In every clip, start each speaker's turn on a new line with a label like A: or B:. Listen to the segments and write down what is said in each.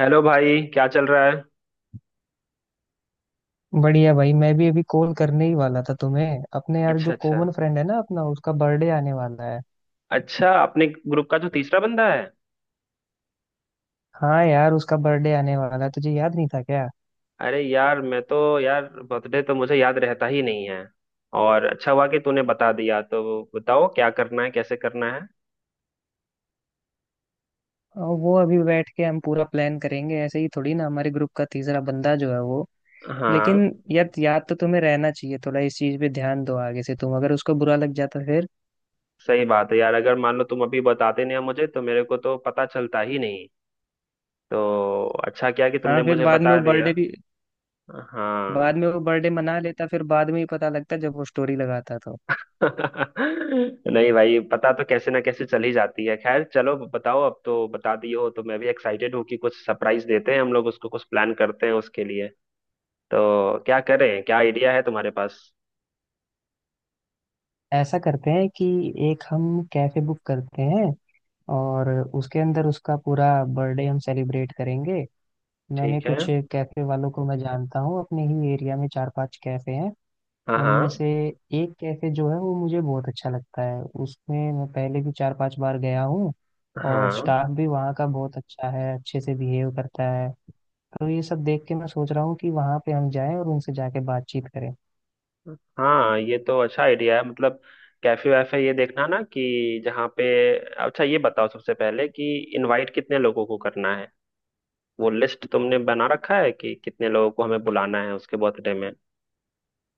A: Hello भाई, क्या चल रहा है।
B: बढ़िया भाई। मैं भी अभी कॉल करने ही वाला था तुम्हें। अपने यार
A: अच्छा,
B: जो
A: अच्छा।
B: कॉमन फ्रेंड है ना अपना, उसका बर्थडे आने वाला है।
A: अच्छा, अपने ग्रुप का जो तीसरा बंदा है।
B: हाँ यार, उसका बर्थडे आने वाला है, तुझे याद नहीं था क्या।
A: अरे यार, मैं तो यार बर्थडे तो मुझे याद रहता ही नहीं है। और अच्छा हुआ कि तूने बता दिया। तो बताओ क्या करना है, कैसे करना है।
B: वो अभी बैठ के हम पूरा प्लान करेंगे, ऐसे ही थोड़ी ना हमारे ग्रुप का तीसरा बंदा जो है वो। लेकिन
A: हाँ,
B: यार, याद तो तुम्हें रहना चाहिए, थोड़ा इस चीज पे ध्यान दो आगे से, तुम अगर उसको बुरा लग जाता फिर।
A: सही बात है यार। अगर मान लो तुम अभी बताते नहीं हो मुझे, तो मेरे को तो पता चलता ही नहीं। तो अच्छा किया कि तुमने
B: हाँ, फिर
A: मुझे
B: बाद में
A: बता
B: वो
A: दिया।
B: बर्थडे भी,
A: हाँ।
B: बाद में वो बर्थडे मना लेता, फिर बाद में ही पता लगता जब वो स्टोरी लगाता तो।
A: नहीं भाई, पता तो कैसे ना कैसे चल ही जाती है। खैर चलो, बताओ। अब तो बता दिए हो तो मैं भी एक्साइटेड हूँ कि कुछ सरप्राइज देते हैं हम लोग उसको, कुछ प्लान करते हैं उसके लिए। तो क्या करें, क्या आइडिया है तुम्हारे पास।
B: ऐसा करते हैं कि एक हम कैफे बुक करते हैं, और उसके अंदर उसका पूरा बर्थडे हम सेलिब्रेट करेंगे। मैंने
A: ठीक है।
B: कुछ कैफे वालों को मैं जानता हूँ, अपने ही एरिया में चार पांच कैफे हैं।
A: हाँ हाँ।
B: उनमें से एक कैफे जो है वो मुझे बहुत अच्छा लगता है, उसमें मैं पहले भी चार पांच बार गया हूँ। और
A: हाँ
B: स्टाफ भी वहाँ का बहुत अच्छा है, अच्छे से बिहेव करता है। तो ये सब देख के मैं सोच रहा हूँ कि वहाँ पे हम जाएं और उनसे जाके बातचीत करें।
A: हाँ, ये तो अच्छा आइडिया है। मतलब कैफे वैफे ये देखना ना कि जहाँ पे। अच्छा, ये बताओ सबसे पहले कि इनवाइट कितने लोगों को करना है। वो लिस्ट तुमने बना रखा है कि कितने लोगों को हमें बुलाना है उसके बर्थडे में।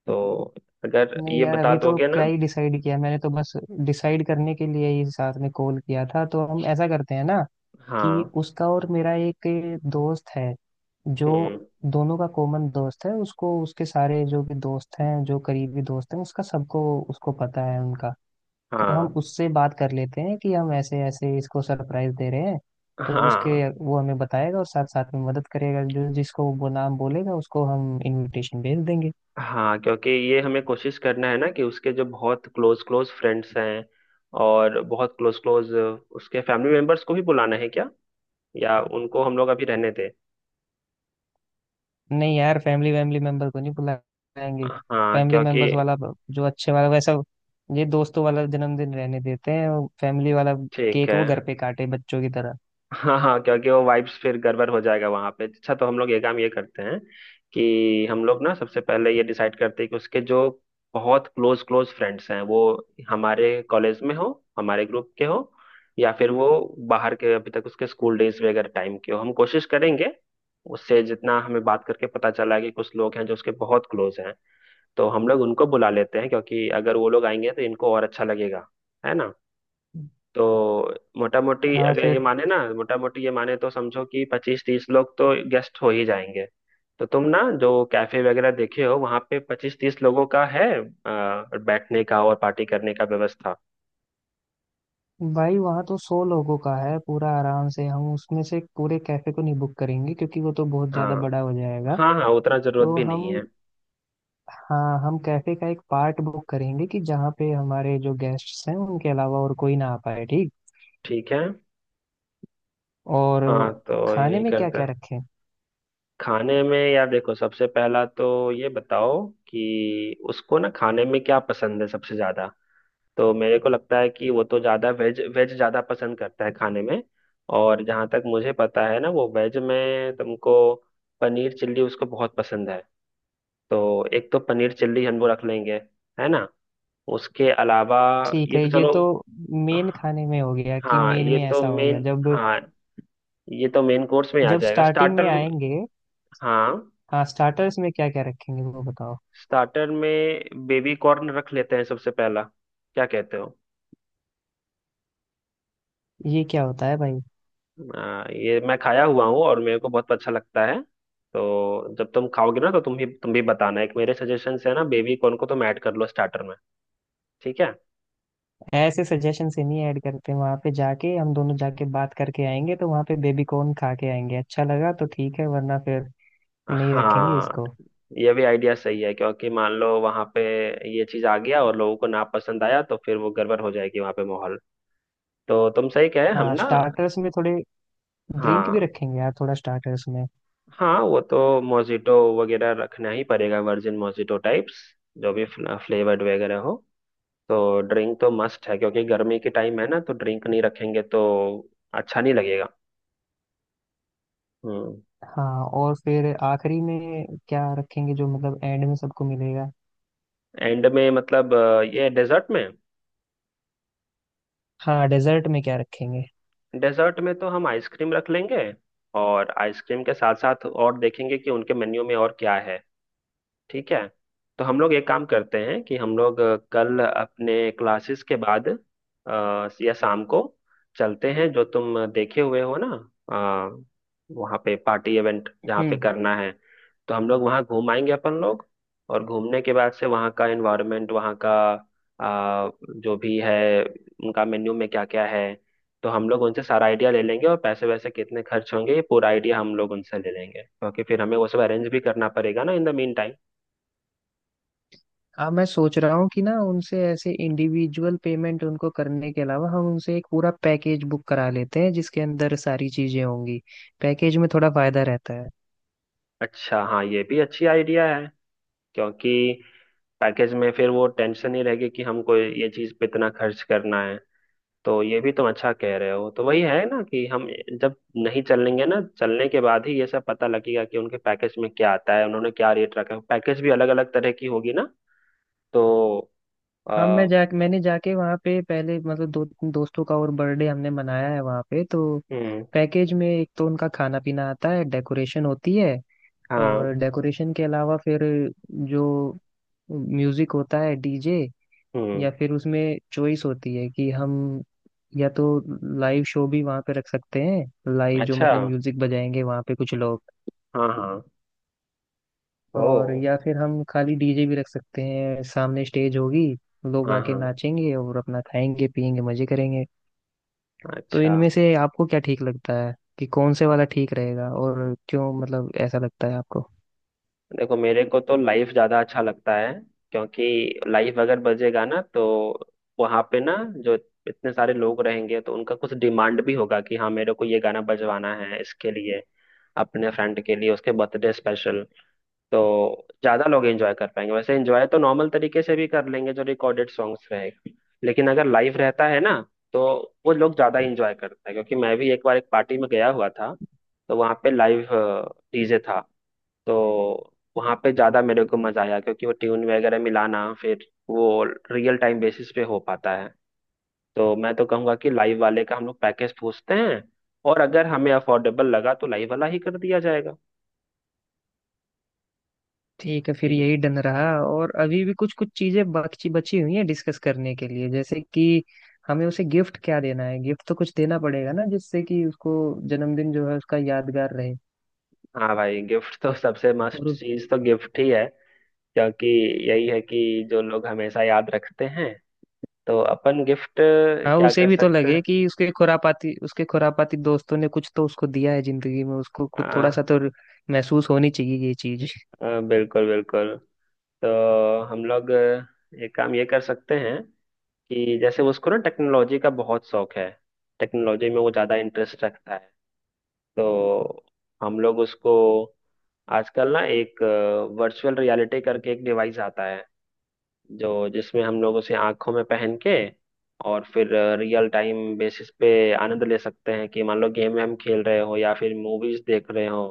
A: तो अगर
B: नहीं
A: ये
B: यार,
A: बता
B: अभी तो
A: दोगे
B: क्या
A: ना।
B: ही डिसाइड किया, मैंने तो बस डिसाइड करने के लिए ही साथ में कॉल किया था। तो हम ऐसा करते हैं ना कि
A: हाँ।
B: उसका और मेरा एक दोस्त है जो
A: हम्म।
B: दोनों का कॉमन दोस्त है, उसको उसके सारे जो भी दोस्त हैं जो करीबी दोस्त हैं उसका, सबको उसको पता है उनका। तो हम
A: हाँ
B: उससे बात कर लेते हैं कि हम ऐसे ऐसे इसको सरप्राइज दे रहे हैं, तो
A: हाँ
B: उसके वो हमें बताएगा और साथ साथ में मदद करेगा, जो जिसको वो नाम बोलेगा उसको हम इनविटेशन भेज देंगे।
A: हाँ, क्योंकि ये हमें कोशिश करना है ना कि उसके जो बहुत क्लोज क्लोज फ्रेंड्स हैं। और बहुत क्लोज क्लोज उसके फैमिली मेंबर्स को भी बुलाना है क्या? या उनको हम लोग अभी रहने दें?
B: नहीं यार, फैमिली वैमिली मेंबर को नहीं बुलाएंगे।
A: हाँ,
B: फैमिली
A: क्योंकि
B: मेंबर्स वाला जो अच्छे वाला वैसा, ये दोस्तों वाला जन्मदिन रहने देते हैं, फैमिली वाला
A: ठीक
B: केक
A: है।
B: वो घर पे काटे बच्चों की तरह।
A: हाँ हाँ, क्योंकि वो वाइब्स फिर गड़बड़ हो जाएगा वहां पे। अच्छा, तो हम लोग ये काम ये करते हैं कि हम लोग ना सबसे पहले ये डिसाइड करते हैं कि उसके जो बहुत क्लोज क्लोज फ्रेंड्स हैं, वो हमारे कॉलेज में हो, हमारे ग्रुप के हो, या फिर वो बाहर के अभी तक उसके स्कूल डेज वगैरह टाइम के हो। हम कोशिश करेंगे। उससे जितना हमें बात करके पता चला है कि कुछ लोग हैं जो उसके बहुत क्लोज हैं, तो हम लोग उनको बुला लेते हैं, क्योंकि अगर वो लोग आएंगे तो इनको और अच्छा लगेगा। है, तो मोटा मोटी
B: हाँ
A: अगर ये
B: फिर।
A: माने ना, मोटा मोटी ये माने तो समझो कि 25-30 लोग तो गेस्ट हो ही जाएंगे। तो तुम ना जो कैफे वगैरह देखे हो, वहां पे 25-30 लोगों का है बैठने का और पार्टी करने का व्यवस्था?
B: भाई वहाँ तो 100 लोगों का है पूरा आराम से। हम उसमें से पूरे कैफे को नहीं बुक करेंगे क्योंकि वो तो बहुत ज्यादा
A: हाँ।
B: बड़ा हो जाएगा।
A: हाँ हाँ, उतना जरूरत
B: तो
A: भी नहीं
B: हम
A: है।
B: हाँ, हम कैफे का एक पार्ट बुक करेंगे कि जहाँ पे हमारे जो गेस्ट्स हैं उनके अलावा और कोई ना आ पाए। ठीक।
A: ठीक है।
B: और
A: हाँ, तो
B: खाने
A: यही
B: में क्या
A: करते
B: क्या
A: हैं।
B: रखें।
A: खाने में यार देखो, सबसे पहला तो ये बताओ कि उसको ना खाने में क्या पसंद है सबसे ज्यादा। तो मेरे को लगता है कि वो तो ज़्यादा वेज वेज ज़्यादा पसंद करता है खाने में। और जहाँ तक मुझे पता है ना, वो वेज में तुमको पनीर चिल्ली उसको बहुत पसंद है। तो एक तो पनीर चिल्ली हम लोग रख लेंगे, है ना। उसके अलावा
B: ठीक
A: ये
B: है,
A: तो
B: ये
A: चलो।
B: तो मेन खाने में हो गया, कि
A: हाँ,
B: मेन
A: ये
B: में
A: तो
B: ऐसा हो गया,
A: मेन।
B: जब
A: हाँ, ये तो मेन कोर्स में आ
B: जब
A: जाएगा।
B: स्टार्टिंग में
A: स्टार्टर।
B: आएंगे।
A: हाँ,
B: हाँ स्टार्टर्स में क्या क्या रखेंगे वो बताओ।
A: स्टार्टर में बेबी कॉर्न रख लेते हैं सबसे पहला, क्या कहते हो?
B: ये क्या होता है भाई।
A: ये मैं खाया हुआ हूँ और मेरे को बहुत अच्छा लगता है। तो जब तुम खाओगे ना तो तुम भी, बताना। एक मेरे सजेशन है ना, बेबी कॉर्न को तुम ऐड कर लो स्टार्टर में। ठीक है।
B: ऐसे सजेशन से नहीं ऐड करते, वहां पे जाके हम दोनों जाके बात करके आएंगे, तो वहां पे बेबी कॉर्न खा के आएंगे, अच्छा लगा तो ठीक है, वरना फिर नहीं रखेंगे
A: हाँ,
B: इसको।
A: ये भी आइडिया सही है, क्योंकि मान लो वहां पे ये चीज आ गया और लोगों को ना पसंद आया, तो फिर वो गड़बड़ हो जाएगी वहां पे माहौल। तो तुम सही कहे हम
B: हाँ
A: ना।
B: स्टार्टर्स में थोड़े ड्रिंक
A: हाँ
B: भी रखेंगे यार, थोड़ा स्टार्टर्स में।
A: हाँ, वो तो मोजिटो वगैरह रखना ही पड़ेगा, वर्जिन मोजिटो टाइप्स, जो भी फ्लेवर्ड वगैरह हो। तो ड्रिंक तो मस्ट है, क्योंकि गर्मी के टाइम है ना, तो ड्रिंक नहीं रखेंगे तो अच्छा नहीं लगेगा। हम्म।
B: हाँ और फिर आखिरी में क्या रखेंगे, जो मतलब एंड में सबको मिलेगा।
A: एंड में मतलब ये डेजर्ट में।
B: हाँ डेजर्ट में क्या रखेंगे।
A: डेजर्ट में तो हम आइसक्रीम रख लेंगे। और आइसक्रीम के साथ साथ और देखेंगे कि उनके मेन्यू में और क्या है। ठीक है। तो हम लोग एक काम करते हैं कि हम लोग कल अपने क्लासेस के बाद, या शाम को, चलते हैं जो तुम देखे हुए हो ना, अ, वहाँ पे पार्टी इवेंट जहाँ पे
B: हम्म।
A: करना है। तो हम लोग वहाँ घूम आएंगे अपन लोग। और घूमने के बाद से वहाँ का एनवायरनमेंट, वहाँ का अ, जो भी है उनका मेन्यू में क्या क्या है, तो हम लोग उनसे सारा आइडिया ले लेंगे, और पैसे वैसे कितने खर्च होंगे ये पूरा आइडिया हम लोग उनसे ले लेंगे, क्योंकि फिर हमें वो सब अरेंज भी करना पड़ेगा ना इन द मीन टाइम।
B: अब मैं सोच रहा हूँ कि ना, उनसे ऐसे इंडिविजुअल पेमेंट उनको करने के अलावा, हम उनसे एक पूरा पैकेज बुक करा लेते हैं जिसके अंदर सारी चीजें होंगी। पैकेज में थोड़ा फायदा रहता है।
A: अच्छा, हाँ, ये भी अच्छी आइडिया है, क्योंकि पैकेज में फिर वो टेंशन ही रहेगी कि हमको ये चीज पे इतना खर्च करना है। तो ये भी तुम अच्छा कह रहे हो। तो वही है ना कि हम जब नहीं चलेंगे ना, चलने के बाद ही ये सब पता लगेगा कि उनके पैकेज में क्या आता है, उन्होंने क्या रेट रखा है। पैकेज भी अलग अलग तरह की होगी ना। तो
B: हाँ,
A: आ,
B: मैंने जाके वहाँ पे पहले मतलब दो दोस्तों का और बर्थडे हमने मनाया है वहाँ पे। तो
A: हम्म।
B: पैकेज में एक तो उनका खाना पीना आता है, डेकोरेशन होती है। और
A: हाँ।
B: डेकोरेशन के अलावा फिर जो म्यूजिक होता है, डीजे,
A: हम्म।
B: या फिर उसमें चॉइस होती है कि हम या तो लाइव शो भी वहाँ पे रख सकते हैं, लाइव जो
A: अच्छा।
B: मतलब म्यूजिक बजाएंगे वहाँ पे कुछ लोग।
A: हाँ हाँ। ओ।
B: और या फिर हम खाली डीजे भी रख सकते हैं, सामने स्टेज होगी, लोग
A: हाँ
B: आके
A: हाँ।
B: नाचेंगे और अपना खाएंगे पिएंगे मजे करेंगे। तो
A: अच्छा।
B: इनमें से आपको क्या ठीक लगता है, कि कौन से वाला ठीक रहेगा और क्यों, मतलब ऐसा लगता है आपको।
A: देखो मेरे को तो लाइफ ज्यादा अच्छा लगता है, क्योंकि लाइफ अगर बजेगा ना तो वहां पे ना, जो इतने सारे लोग रहेंगे तो उनका कुछ डिमांड भी होगा कि हाँ मेरे को ये गाना बजवाना है, इसके लिए अपने फ्रेंड के लिए, उसके बर्थडे स्पेशल। तो ज्यादा लोग एंजॉय कर पाएंगे। वैसे एंजॉय तो नॉर्मल तरीके से भी कर लेंगे, जो रिकॉर्डेड सॉन्ग्स रहेगा, लेकिन अगर लाइव रहता है ना, तो वो लोग ज्यादा एंजॉय करते हैं। क्योंकि मैं भी एक बार एक पार्टी में गया हुआ था, तो वहां पे लाइव डीजे था, तो वहाँ पे ज़्यादा मेरे को मज़ा आया, क्योंकि वो ट्यून वगैरह मिलाना फिर वो रियल टाइम बेसिस पे हो पाता है। तो मैं तो कहूँगा कि लाइव वाले का हम लोग पैकेज पूछते हैं, और अगर हमें अफोर्डेबल लगा तो लाइव वाला ही कर दिया जाएगा।
B: ठीक है फिर
A: ठीक है।
B: यही डन रहा। और अभी भी कुछ कुछ चीजें बची बची हुई हैं डिस्कस करने के लिए, जैसे कि हमें उसे गिफ्ट क्या देना है। गिफ्ट तो कुछ देना पड़ेगा ना, जिससे कि उसको जन्मदिन जो है उसका यादगार रहे।
A: हाँ भाई, गिफ्ट तो सबसे
B: और
A: मस्ट
B: उस,
A: चीज़ तो गिफ्ट ही है, क्योंकि यही है कि जो लोग हमेशा याद रखते हैं, तो अपन गिफ्ट
B: हाँ,
A: क्या
B: उसे
A: कर
B: भी तो
A: सकते
B: लगे
A: हैं।
B: कि उसके खुरापाती, उसके खुरापाती दोस्तों ने कुछ तो उसको दिया है जिंदगी में, उसको खुद थोड़ा
A: आ,
B: सा तो महसूस होनी चाहिए ये चीज।
A: बिल्कुल बिल्कुल। तो हम लोग एक काम ये कर सकते हैं कि जैसे उसको ना टेक्नोलॉजी का बहुत शौक है, टेक्नोलॉजी में वो ज्यादा इंटरेस्ट रखता है। तो हम लोग उसको, आजकल ना एक वर्चुअल रियलिटी करके एक डिवाइस आता है, जो जिसमें हम लोग उसे आंखों में पहन के, और फिर रियल टाइम बेसिस पे आनंद ले सकते हैं कि मान लो गेम हम खेल रहे हो या फिर मूवीज देख रहे हो,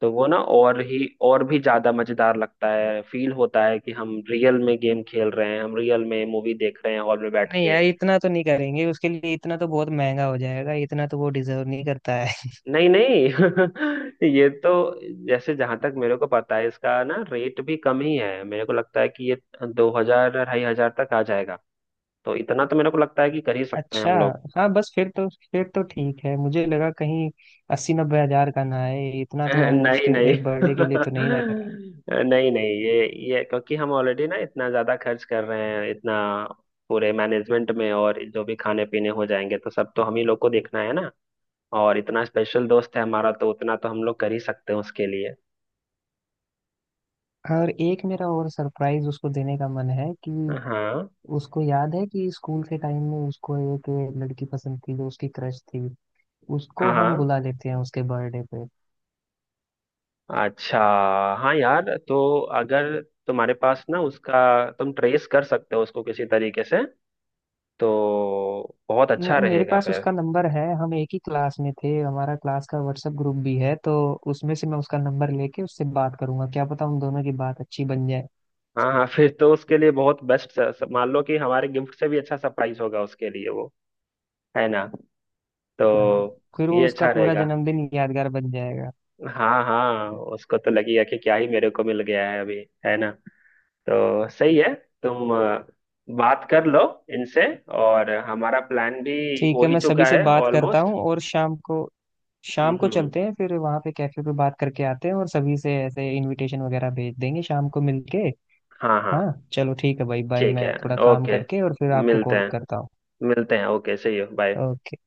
A: तो वो ना और भी ज्यादा मजेदार लगता है, फील होता है कि हम रियल में गेम खेल रहे हैं, हम रियल में मूवी देख रहे हैं हॉल में बैठ
B: नहीं
A: के।
B: यार, इतना तो नहीं करेंगे उसके लिए, इतना तो बहुत महंगा हो जाएगा, इतना तो वो डिजर्व नहीं करता है।
A: नहीं नहीं, ये तो जैसे जहां तक मेरे को पता है, इसका ना रेट भी कम ही है। मेरे को लगता है कि ये 2000-2500 तक आ जाएगा। तो इतना तो मेरे को लगता है कि कर ही सकते हैं
B: अच्छा।
A: हम लोग।
B: हाँ बस फिर तो ठीक है, मुझे लगा कहीं 80-90 हजार का ना आए, इतना तो हम
A: नहीं
B: उसके
A: नहीं,
B: एक बर्थडे के लिए तो नहीं ना करें।
A: नहीं नहीं, ये क्योंकि हम ऑलरेडी ना इतना ज्यादा खर्च कर रहे हैं इतना, पूरे मैनेजमेंट में, और जो भी खाने पीने हो जाएंगे तो सब तो हम ही लोग को देखना है ना। और इतना स्पेशल दोस्त है हमारा, तो उतना तो हम लोग कर ही सकते हैं उसके लिए।
B: हाँ, और एक मेरा और सरप्राइज उसको देने का मन है कि
A: हाँ
B: उसको याद है कि स्कूल के टाइम में उसको एक लड़की पसंद थी जो उसकी क्रश थी,
A: हाँ
B: उसको हम
A: हाँ।
B: बुला लेते हैं उसके बर्थडे पे।
A: अच्छा, हाँ यार, तो अगर तुम्हारे पास ना उसका, तुम ट्रेस कर सकते हो उसको किसी तरीके से, तो बहुत अच्छा
B: मेरे
A: रहेगा
B: पास
A: फिर।
B: उसका नंबर है, हम एक ही क्लास में थे, हमारा क्लास का व्हाट्सएप ग्रुप भी है, तो उसमें से मैं उसका नंबर लेके उससे बात करूंगा, क्या पता उन दोनों की बात अच्छी बन जाए।
A: हाँ हाँ, फिर तो उसके लिए बहुत बेस्ट। मान लो कि हमारे गिफ्ट से भी अच्छा सरप्राइज होगा उसके लिए वो, है ना।
B: हाँ
A: तो
B: फिर
A: ये
B: वो उसका
A: अच्छा
B: पूरा
A: रहेगा।
B: जन्मदिन यादगार बन जाएगा।
A: हाँ हाँ, उसको तो लगेगा कि क्या ही मेरे को मिल गया है अभी, है ना। तो सही है। तुम बात कर लो इनसे, और हमारा प्लान भी
B: ठीक
A: हो
B: है,
A: ही
B: मैं सभी
A: चुका
B: से
A: है
B: बात करता
A: ऑलमोस्ट।
B: हूँ, और शाम को, शाम को
A: हम्म।
B: चलते हैं फिर वहाँ पे कैफे पे बात करके आते हैं, और सभी से ऐसे इनविटेशन वगैरह भेज देंगे शाम को मिलके।
A: हाँ हाँ।
B: हाँ चलो ठीक है भाई, बाय,
A: ठीक
B: मैं
A: है।
B: थोड़ा काम
A: ओके।
B: करके और फिर आपको
A: मिलते
B: कॉल
A: हैं।
B: करता हूँ।
A: मिलते हैं। ओके, सही हो, बाय।
B: ओके।